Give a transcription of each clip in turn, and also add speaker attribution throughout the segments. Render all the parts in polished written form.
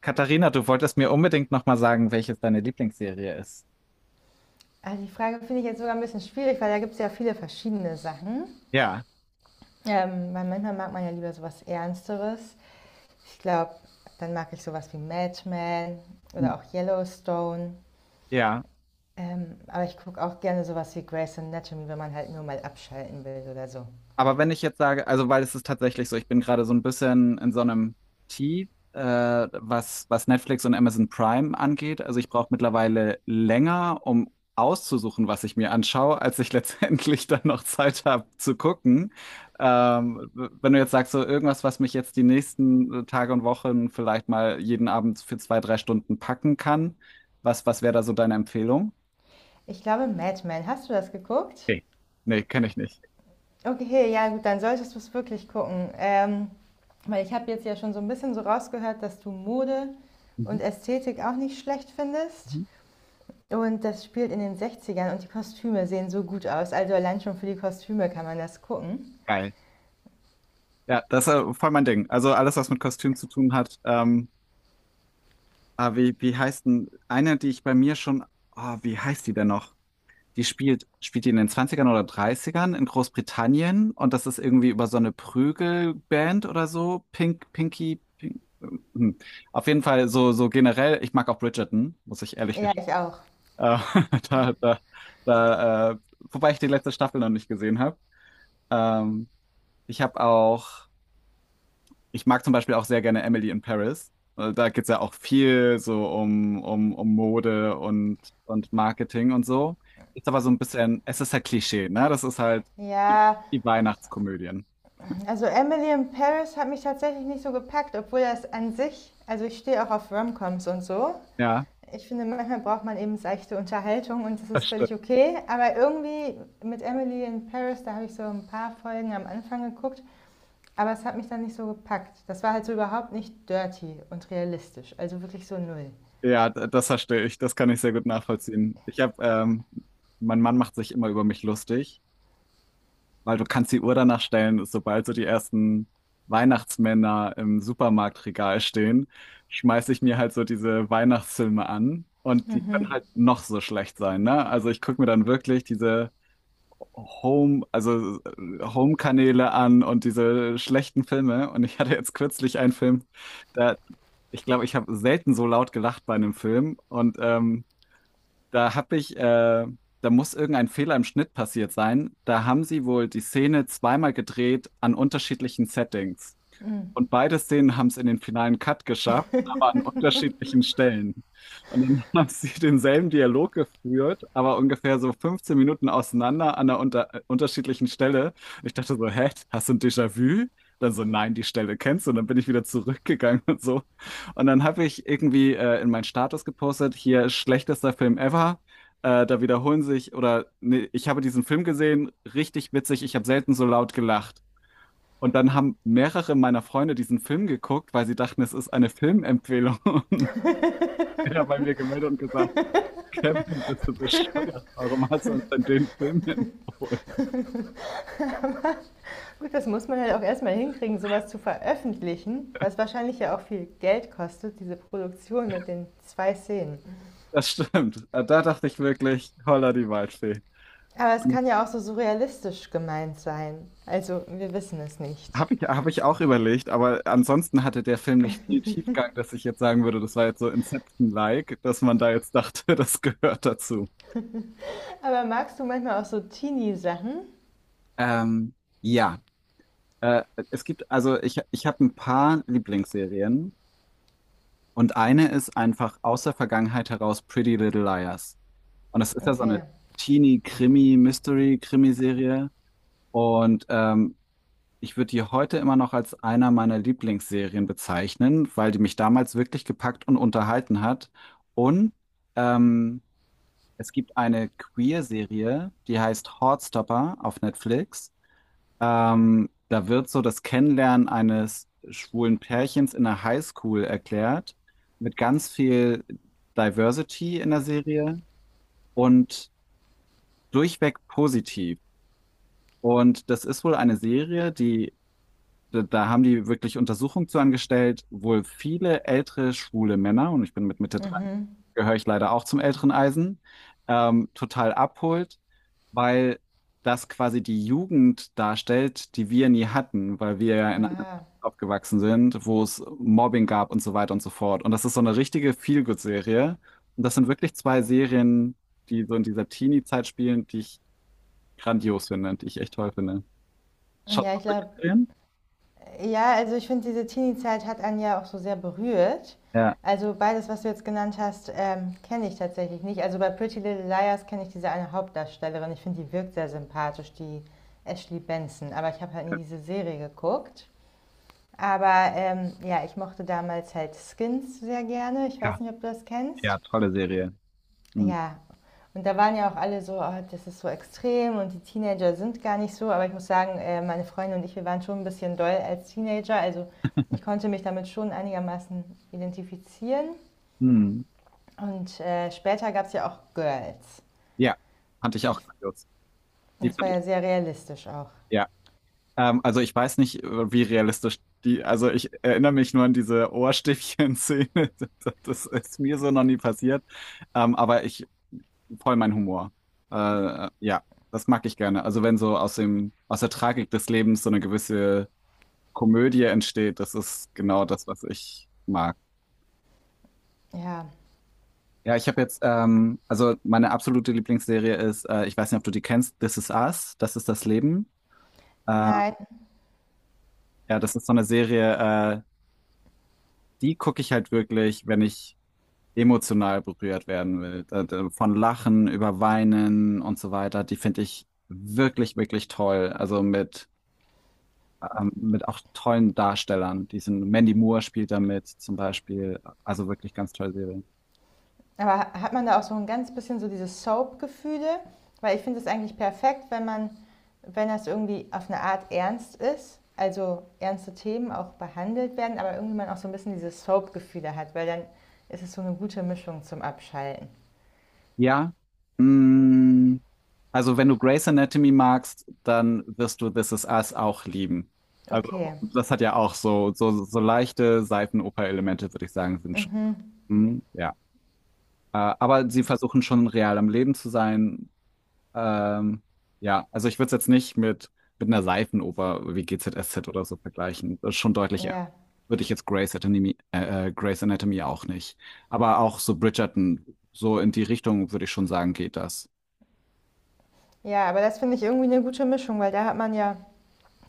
Speaker 1: Katharina, du wolltest mir unbedingt nochmal sagen, welches deine Lieblingsserie ist.
Speaker 2: Also die Frage finde ich jetzt sogar ein bisschen schwierig, weil da gibt es ja viele verschiedene Sachen.
Speaker 1: Ja,
Speaker 2: Weil manchmal mag man ja lieber sowas Ernsteres. Ich glaube, dann mag ich sowas wie Madman oder auch Yellowstone.
Speaker 1: ja.
Speaker 2: Aber ich gucke auch gerne sowas wie Grey's Anatomy, wenn man halt nur mal abschalten will oder so.
Speaker 1: Aber wenn ich jetzt sage, also weil es ist tatsächlich so, ich bin gerade so ein bisschen in so einem Tief, was, was Netflix und Amazon Prime angeht. Also ich brauche mittlerweile länger, um auszusuchen, was ich mir anschaue, als ich letztendlich dann noch Zeit habe zu gucken. Wenn du jetzt sagst, so irgendwas, was mich jetzt die nächsten Tage und Wochen vielleicht mal jeden Abend für zwei, drei Stunden packen kann, was, was wäre da so deine Empfehlung?
Speaker 2: Ich glaube, Madman, hast du das geguckt?
Speaker 1: Okay. Nee, kenne ich nicht.
Speaker 2: Okay, ja gut, dann solltest du es wirklich gucken. Weil ich habe jetzt ja schon so ein bisschen so rausgehört, dass du Mode
Speaker 1: Mhm.
Speaker 2: und Ästhetik auch nicht schlecht findest.
Speaker 1: Mhm.
Speaker 2: Und das spielt in den 60ern und die Kostüme sehen so gut aus. Also allein schon für die Kostüme kann man das gucken.
Speaker 1: Geil. Ja, das ist voll mein Ding. Also alles, was mit Kostüm zu tun hat. Wie, wie heißt denn eine, die ich bei mir schon, ah, wie heißt die denn noch? Spielt die in den Zwanzigern oder Dreißigern in Großbritannien und das ist irgendwie über so eine Prügelband oder so. Pink, Pinky, Pink. Hm. Auf jeden Fall so, so generell, ich mag auch Bridgerton, muss ich ehrlich
Speaker 2: Ja,
Speaker 1: gestehen.
Speaker 2: ich auch.
Speaker 1: Äh, da, da, wobei ich die letzte Staffel noch nicht gesehen habe. Ähm, ich habe auch. Ich mag zum Beispiel auch sehr gerne Emily in Paris. Da geht es ja auch viel so um Mode und Marketing und so. Ist aber so ein bisschen, es ist halt Klischee, ne? Das ist halt die,
Speaker 2: Ja,
Speaker 1: die Weihnachtskomödien.
Speaker 2: also Emily in Paris hat mich tatsächlich nicht so gepackt, obwohl das an sich, also ich stehe auch auf Romcoms und so.
Speaker 1: Ja,
Speaker 2: Ich finde, manchmal braucht man eben seichte Unterhaltung und das
Speaker 1: das
Speaker 2: ist
Speaker 1: stimmt.
Speaker 2: völlig okay. Aber irgendwie mit Emily in Paris, da habe ich so ein paar Folgen am Anfang geguckt, aber es hat mich dann nicht so gepackt. Das war halt so überhaupt nicht dirty und realistisch, also wirklich so null.
Speaker 1: Ja, das verstehe ich. Das kann ich sehr gut nachvollziehen. Mein Mann macht sich immer über mich lustig. Weil du kannst die Uhr danach stellen, sobald so die ersten Weihnachtsmänner im Supermarktregal stehen, schmeiß ich mir halt so diese Weihnachtsfilme an. Und die
Speaker 2: Mhm.
Speaker 1: können halt noch so schlecht sein, ne? Also ich gucke mir dann wirklich diese Home-Kanäle an und diese schlechten Filme. Und ich hatte jetzt kürzlich einen Film, da, ich glaube, ich habe selten so laut gelacht bei einem Film. Und da habe ich, äh, da muss irgendein Fehler im Schnitt passiert sein. Da haben sie wohl die Szene zweimal gedreht an unterschiedlichen Settings. Und beide Szenen haben es in den finalen Cut geschafft, aber an unterschiedlichen Stellen. Und dann haben sie denselben Dialog geführt, aber ungefähr so 15 Minuten auseinander an einer unterschiedlichen Stelle. Und ich dachte so, hä, hast du ein Déjà-vu? Dann so, nein, die Stelle kennst du. Und dann bin ich wieder zurückgegangen und so. Und dann habe ich irgendwie in meinen Status gepostet, hier schlechtester Film ever. Da wiederholen sich, oder nee, ich habe diesen Film gesehen, richtig witzig, ich habe selten so laut gelacht. Und dann haben mehrere meiner Freunde diesen Film geguckt, weil sie dachten, es ist eine Filmempfehlung. Und der hat bei mir gemeldet und gesagt, Kevin, bist du bescheuert? Warum hast du uns denn den Film empfohlen?
Speaker 2: Gut, das muss man halt auch erstmal hinkriegen, sowas zu veröffentlichen, was wahrscheinlich ja auch viel Geld kostet, diese Produktion mit den zwei Szenen.
Speaker 1: Das stimmt. Da dachte ich wirklich, holla die Waldfee.
Speaker 2: Aber es kann ja auch so surrealistisch gemeint sein. Also, wir wissen es nicht.
Speaker 1: Hab ich auch überlegt, aber ansonsten hatte der Film nicht viel Tiefgang, dass ich jetzt sagen würde, das war jetzt so Inception-like, dass man da jetzt dachte, das gehört dazu.
Speaker 2: Aber magst du manchmal auch so Teenie-Sachen?
Speaker 1: Ähm, ja, äh, es gibt, ich habe ein paar Lieblingsserien. Und eine ist einfach aus der Vergangenheit heraus Pretty Little Liars. Und das ist ja so eine
Speaker 2: Okay.
Speaker 1: Teenie-Krimi-Mystery-Krimiserie. Und ich würde die heute immer noch als einer meiner Lieblingsserien bezeichnen, weil die mich damals wirklich gepackt und unterhalten hat. Und ähm, es gibt eine Queer-Serie, die heißt Heartstopper auf Netflix. Da wird so das Kennenlernen eines schwulen Pärchens in der Highschool erklärt, mit ganz viel Diversity in der Serie und durchweg positiv. Und das ist wohl eine Serie, die da haben die wirklich Untersuchungen zu angestellt, wohl viele ältere schwule Männer, und ich bin mit Mitte 30,
Speaker 2: Mhm.
Speaker 1: gehöre ich leider auch zum älteren Eisen, total abholt, weil das quasi die Jugend darstellt, die wir nie hatten, weil wir ja in einer Zeit
Speaker 2: Aha.
Speaker 1: aufgewachsen sind, wo es Mobbing gab und so weiter und so fort. Und das ist so eine richtige Feel-Good-Serie. Und das sind wirklich zwei Serien, die so in dieser Teenie-Zeit spielen, die ich grandios finde und die ich echt toll finde. Schaut
Speaker 2: Ja,
Speaker 1: ihr
Speaker 2: ich
Speaker 1: solche
Speaker 2: glaube,
Speaker 1: Serien?
Speaker 2: ja, also ich finde, diese Teenie-Zeit hat einen ja auch so sehr berührt.
Speaker 1: Ja.
Speaker 2: Also beides, was du jetzt genannt hast, kenne ich tatsächlich nicht. Also bei Pretty Little Liars kenne ich diese eine Hauptdarstellerin. Ich finde, die wirkt sehr sympathisch, die Ashley Benson. Aber ich habe halt nie diese Serie geguckt. Aber ja, ich mochte damals halt Skins sehr gerne. Ich weiß nicht, ob du das
Speaker 1: Ja,
Speaker 2: kennst.
Speaker 1: tolle Serie. Mhm.
Speaker 2: Ja, und da waren ja auch alle so: „Oh, das ist so extrem und die Teenager sind gar nicht so.“ Aber ich muss sagen, meine Freundin und ich, wir waren schon ein bisschen doll als Teenager. Also, ich konnte mich damit schon einigermaßen identifizieren.
Speaker 1: Mhm.
Speaker 2: Und, später gab's ja auch Girls.
Speaker 1: Ja, fand ich auch
Speaker 2: Ich
Speaker 1: grandios. Die
Speaker 2: das war
Speaker 1: fand ich,
Speaker 2: ja sehr realistisch auch.
Speaker 1: ja. Also ich weiß nicht, wie realistisch die, also ich erinnere mich nur an diese Ohrstäbchen-Szene. Das, das ist mir so noch nie passiert. Ähm, aber ich, voll mein Humor. Ja, das mag ich gerne. Also wenn so aus dem, aus der Tragik des Lebens so eine gewisse Komödie entsteht, das ist genau das, was ich mag.
Speaker 2: Ja.
Speaker 1: Ja, ich habe jetzt, also meine absolute Lieblingsserie ist, ich weiß nicht, ob du die kennst, This Is Us, das ist das Leben. Äh,
Speaker 2: Nein.
Speaker 1: ja, das ist so eine Serie, äh, die gucke ich halt wirklich, wenn ich emotional berührt werden will. Von Lachen über Weinen und so weiter, die finde ich wirklich, wirklich toll. Also mit auch tollen Darstellern. Diesen Mandy Moore spielt da mit zum Beispiel. Also wirklich ganz tolle Serie.
Speaker 2: Aber hat man da auch so ein ganz bisschen so diese Soap-Gefühle? Weil ich finde es eigentlich perfekt, wenn man, wenn das irgendwie auf eine Art ernst ist, also ernste Themen auch behandelt werden, aber irgendwie man auch so ein bisschen diese Soap-Gefühle hat, weil dann ist es so eine gute Mischung zum Abschalten.
Speaker 1: Ja. Mm, also wenn du Grey's Anatomy magst, dann wirst du This Is Us auch lieben. Also
Speaker 2: Okay.
Speaker 1: das hat ja auch so, so, so leichte Seifenoper-Elemente, würde ich sagen, sind schon.
Speaker 2: Mhm.
Speaker 1: Mm, ja. Aber sie versuchen schon real am Leben zu sein. Ähm, ja, also ich würde es jetzt nicht mit, mit einer Seifenoper wie GZSZ oder so vergleichen. Das ist schon deutlich ernst.
Speaker 2: Ja.
Speaker 1: Würde ich jetzt Grey's Anatomy auch nicht. Aber auch so Bridgerton, so in die Richtung, würde ich schon sagen, geht das.
Speaker 2: Ja, aber das finde ich irgendwie eine gute Mischung, weil da hat man ja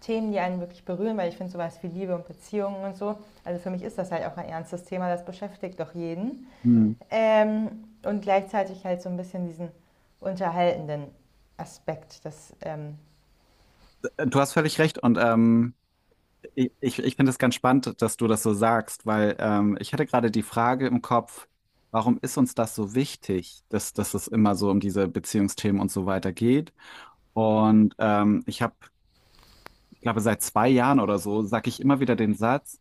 Speaker 2: Themen, die einen wirklich berühren, weil ich finde sowas wie Liebe und Beziehungen und so. Also für mich ist das halt auch ein ernstes Thema, das beschäftigt doch jeden.
Speaker 1: Hm.
Speaker 2: Und gleichzeitig halt so ein bisschen diesen unterhaltenden Aspekt. Das,
Speaker 1: Du hast völlig recht und ich finde es ganz spannend, dass du das so sagst, weil ich hatte gerade die Frage im Kopf, warum ist uns das so wichtig, dass es immer so um diese Beziehungsthemen und so weiter geht? Und ich glaube, seit zwei Jahren oder so sage ich immer wieder den Satz,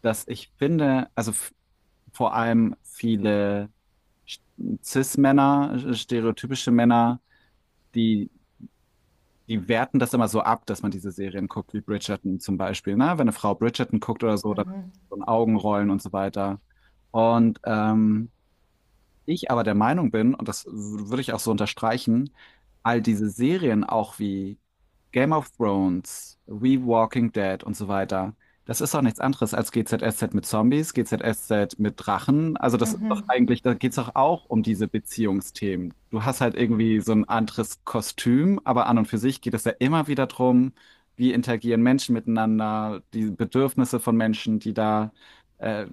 Speaker 1: dass ich finde, vor allem viele Sch- Cis-Männer, stereotypische Männer, die die werten das immer so ab, dass man diese Serien guckt, wie Bridgerton zum Beispiel. Ne? Wenn eine Frau Bridgerton guckt oder so, dann
Speaker 2: mhm,
Speaker 1: so ein Augenrollen und so weiter. Und ich aber der Meinung bin, und das würde ich auch so unterstreichen, all diese Serien auch wie Game of Thrones, We Walking Dead und so weiter, das ist doch nichts anderes als GZSZ mit Zombies, GZSZ mit Drachen. Also das ist doch
Speaker 2: mhm.
Speaker 1: eigentlich, da geht's doch auch um diese Beziehungsthemen. Du hast halt irgendwie so ein anderes Kostüm, aber an und für sich geht es ja immer wieder drum, wie interagieren Menschen miteinander, die Bedürfnisse von Menschen, die da äh,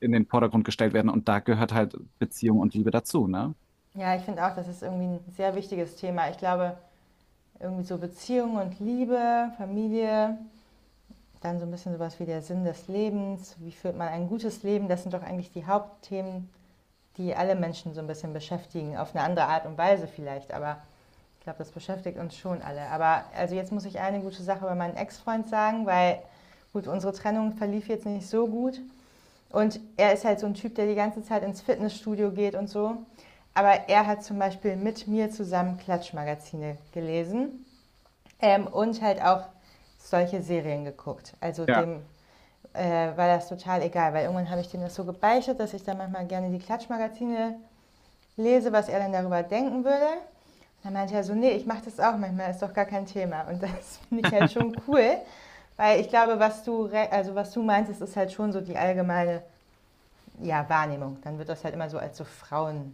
Speaker 1: in den Vordergrund gestellt werden und da gehört halt Beziehung und Liebe dazu, ne?
Speaker 2: Ja, ich finde auch, das ist irgendwie ein sehr wichtiges Thema. Ich glaube, irgendwie so Beziehung und Liebe, Familie, dann so ein bisschen sowas wie der Sinn des Lebens, wie führt man ein gutes Leben, das sind doch eigentlich die Hauptthemen, die alle Menschen so ein bisschen beschäftigen, auf eine andere Art und Weise vielleicht, aber ich glaube, das beschäftigt uns schon alle. Aber also jetzt muss ich eine gute Sache über meinen Ex-Freund sagen, weil gut, unsere Trennung verlief jetzt nicht so gut. Und er ist halt so ein Typ, der die ganze Zeit ins Fitnessstudio geht und so. Aber er hat zum Beispiel mit mir zusammen Klatschmagazine gelesen, und halt auch solche Serien geguckt. Also
Speaker 1: Ja,
Speaker 2: dem äh, war das total egal, weil irgendwann habe ich dem das so gebeichtet, dass ich dann manchmal gerne die Klatschmagazine lese, was er dann darüber denken würde. Dann meinte er so, nee, ich mache das auch manchmal, ist doch gar kein Thema. Und das finde ich halt schon cool, weil ich glaube, also was du meinst, ist halt schon so die allgemeine ja, Wahrnehmung. Dann wird das halt immer so als so Frauenserie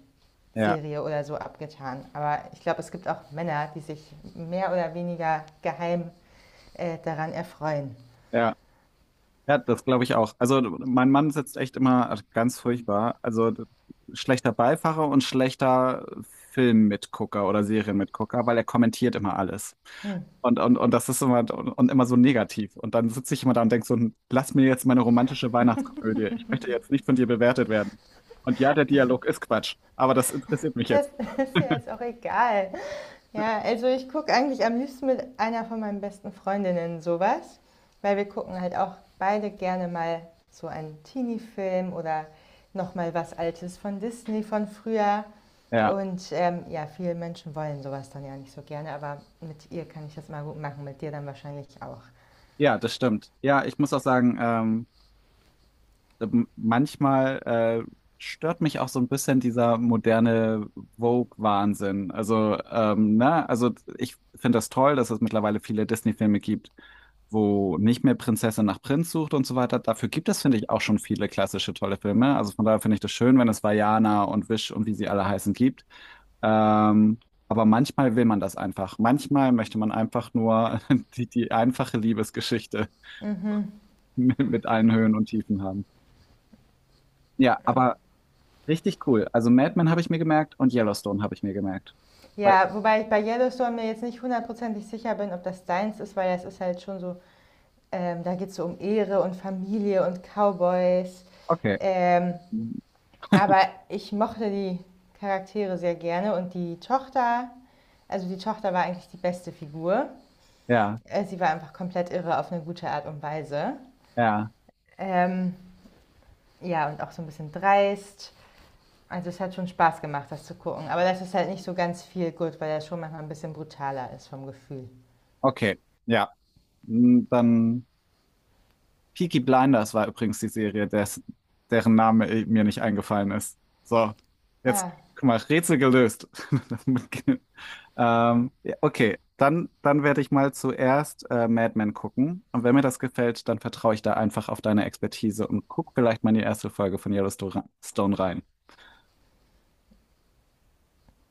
Speaker 1: ja,
Speaker 2: oder so abgetan. Aber ich glaube, es gibt auch Männer, die sich mehr oder weniger geheim daran erfreuen.
Speaker 1: ja. Ja, das glaube ich auch. Also mein Mann sitzt echt immer ganz furchtbar. Schlechter Beifahrer und schlechter Filmmitgucker oder Serienmitgucker, weil er kommentiert immer alles.
Speaker 2: Hm.
Speaker 1: Und, und das ist immer und immer so negativ. Und dann sitze ich immer da und denke so, "Hm, lass mir jetzt meine romantische Weihnachtskomödie. Ich möchte jetzt nicht von dir bewertet werden. Und ja, der Dialog ist Quatsch, aber das interessiert mich
Speaker 2: Das
Speaker 1: jetzt."
Speaker 2: ist ja jetzt auch egal. Ja, also ich gucke eigentlich am liebsten mit einer von meinen besten Freundinnen sowas, weil wir gucken halt auch beide gerne mal so einen Teenie-Film oder noch mal was Altes von Disney von früher.
Speaker 1: Ja,
Speaker 2: Und ja, viele Menschen wollen sowas dann ja nicht so gerne, aber mit ihr kann ich das mal gut machen, mit dir dann wahrscheinlich auch.
Speaker 1: ja, das stimmt. Ja, ich muss auch sagen, manchmal stört mich auch so ein bisschen dieser moderne Vogue-Wahnsinn. Also, ne, also ich finde das toll, dass es mittlerweile viele Disney-Filme gibt, wo nicht mehr Prinzessin nach Prinz sucht und so weiter. Dafür gibt es, finde ich, auch schon viele klassische tolle Filme. Also von daher finde ich das schön, wenn es Vajana und Wish und wie sie alle heißen gibt. Ähm, aber manchmal will man das einfach. Manchmal möchte man einfach nur die einfache Liebesgeschichte
Speaker 2: Mhm.
Speaker 1: mit allen Höhen und Tiefen haben. Ja, aber richtig cool. Also Mad Men habe ich mir gemerkt und Yellowstone habe ich mir gemerkt. Weil-
Speaker 2: Ja, wobei ich bei Yellowstone mir jetzt nicht hundertprozentig sicher bin, ob das deins ist, weil das ist halt schon so, da geht es so um Ehre und Familie und Cowboys.
Speaker 1: Okay.
Speaker 2: Ähm, Aber ich mochte die Charaktere sehr gerne und die Tochter, also die Tochter war eigentlich die beste Figur.
Speaker 1: Ja,
Speaker 2: Sie war einfach komplett irre auf eine gute Art und Weise.
Speaker 1: ja,
Speaker 2: Ähm, ja, und auch so ein bisschen dreist. Also es hat schon Spaß gemacht, das zu gucken. Aber das ist halt nicht so ganz viel gut, weil das schon manchmal ein bisschen brutaler ist vom Gefühl.
Speaker 1: okay. Ja. Mm, dann Peaky Blinders war übrigens die Serie, des, deren Name mir nicht eingefallen ist. So, jetzt,
Speaker 2: Ah,
Speaker 1: guck mal, Rätsel gelöst. Das mit- ja, okay, dann werde ich mal zuerst Mad Men gucken. Und wenn mir das gefällt, dann vertraue ich da einfach auf deine Expertise und guck vielleicht mal in die erste Folge von Yellowstone rein.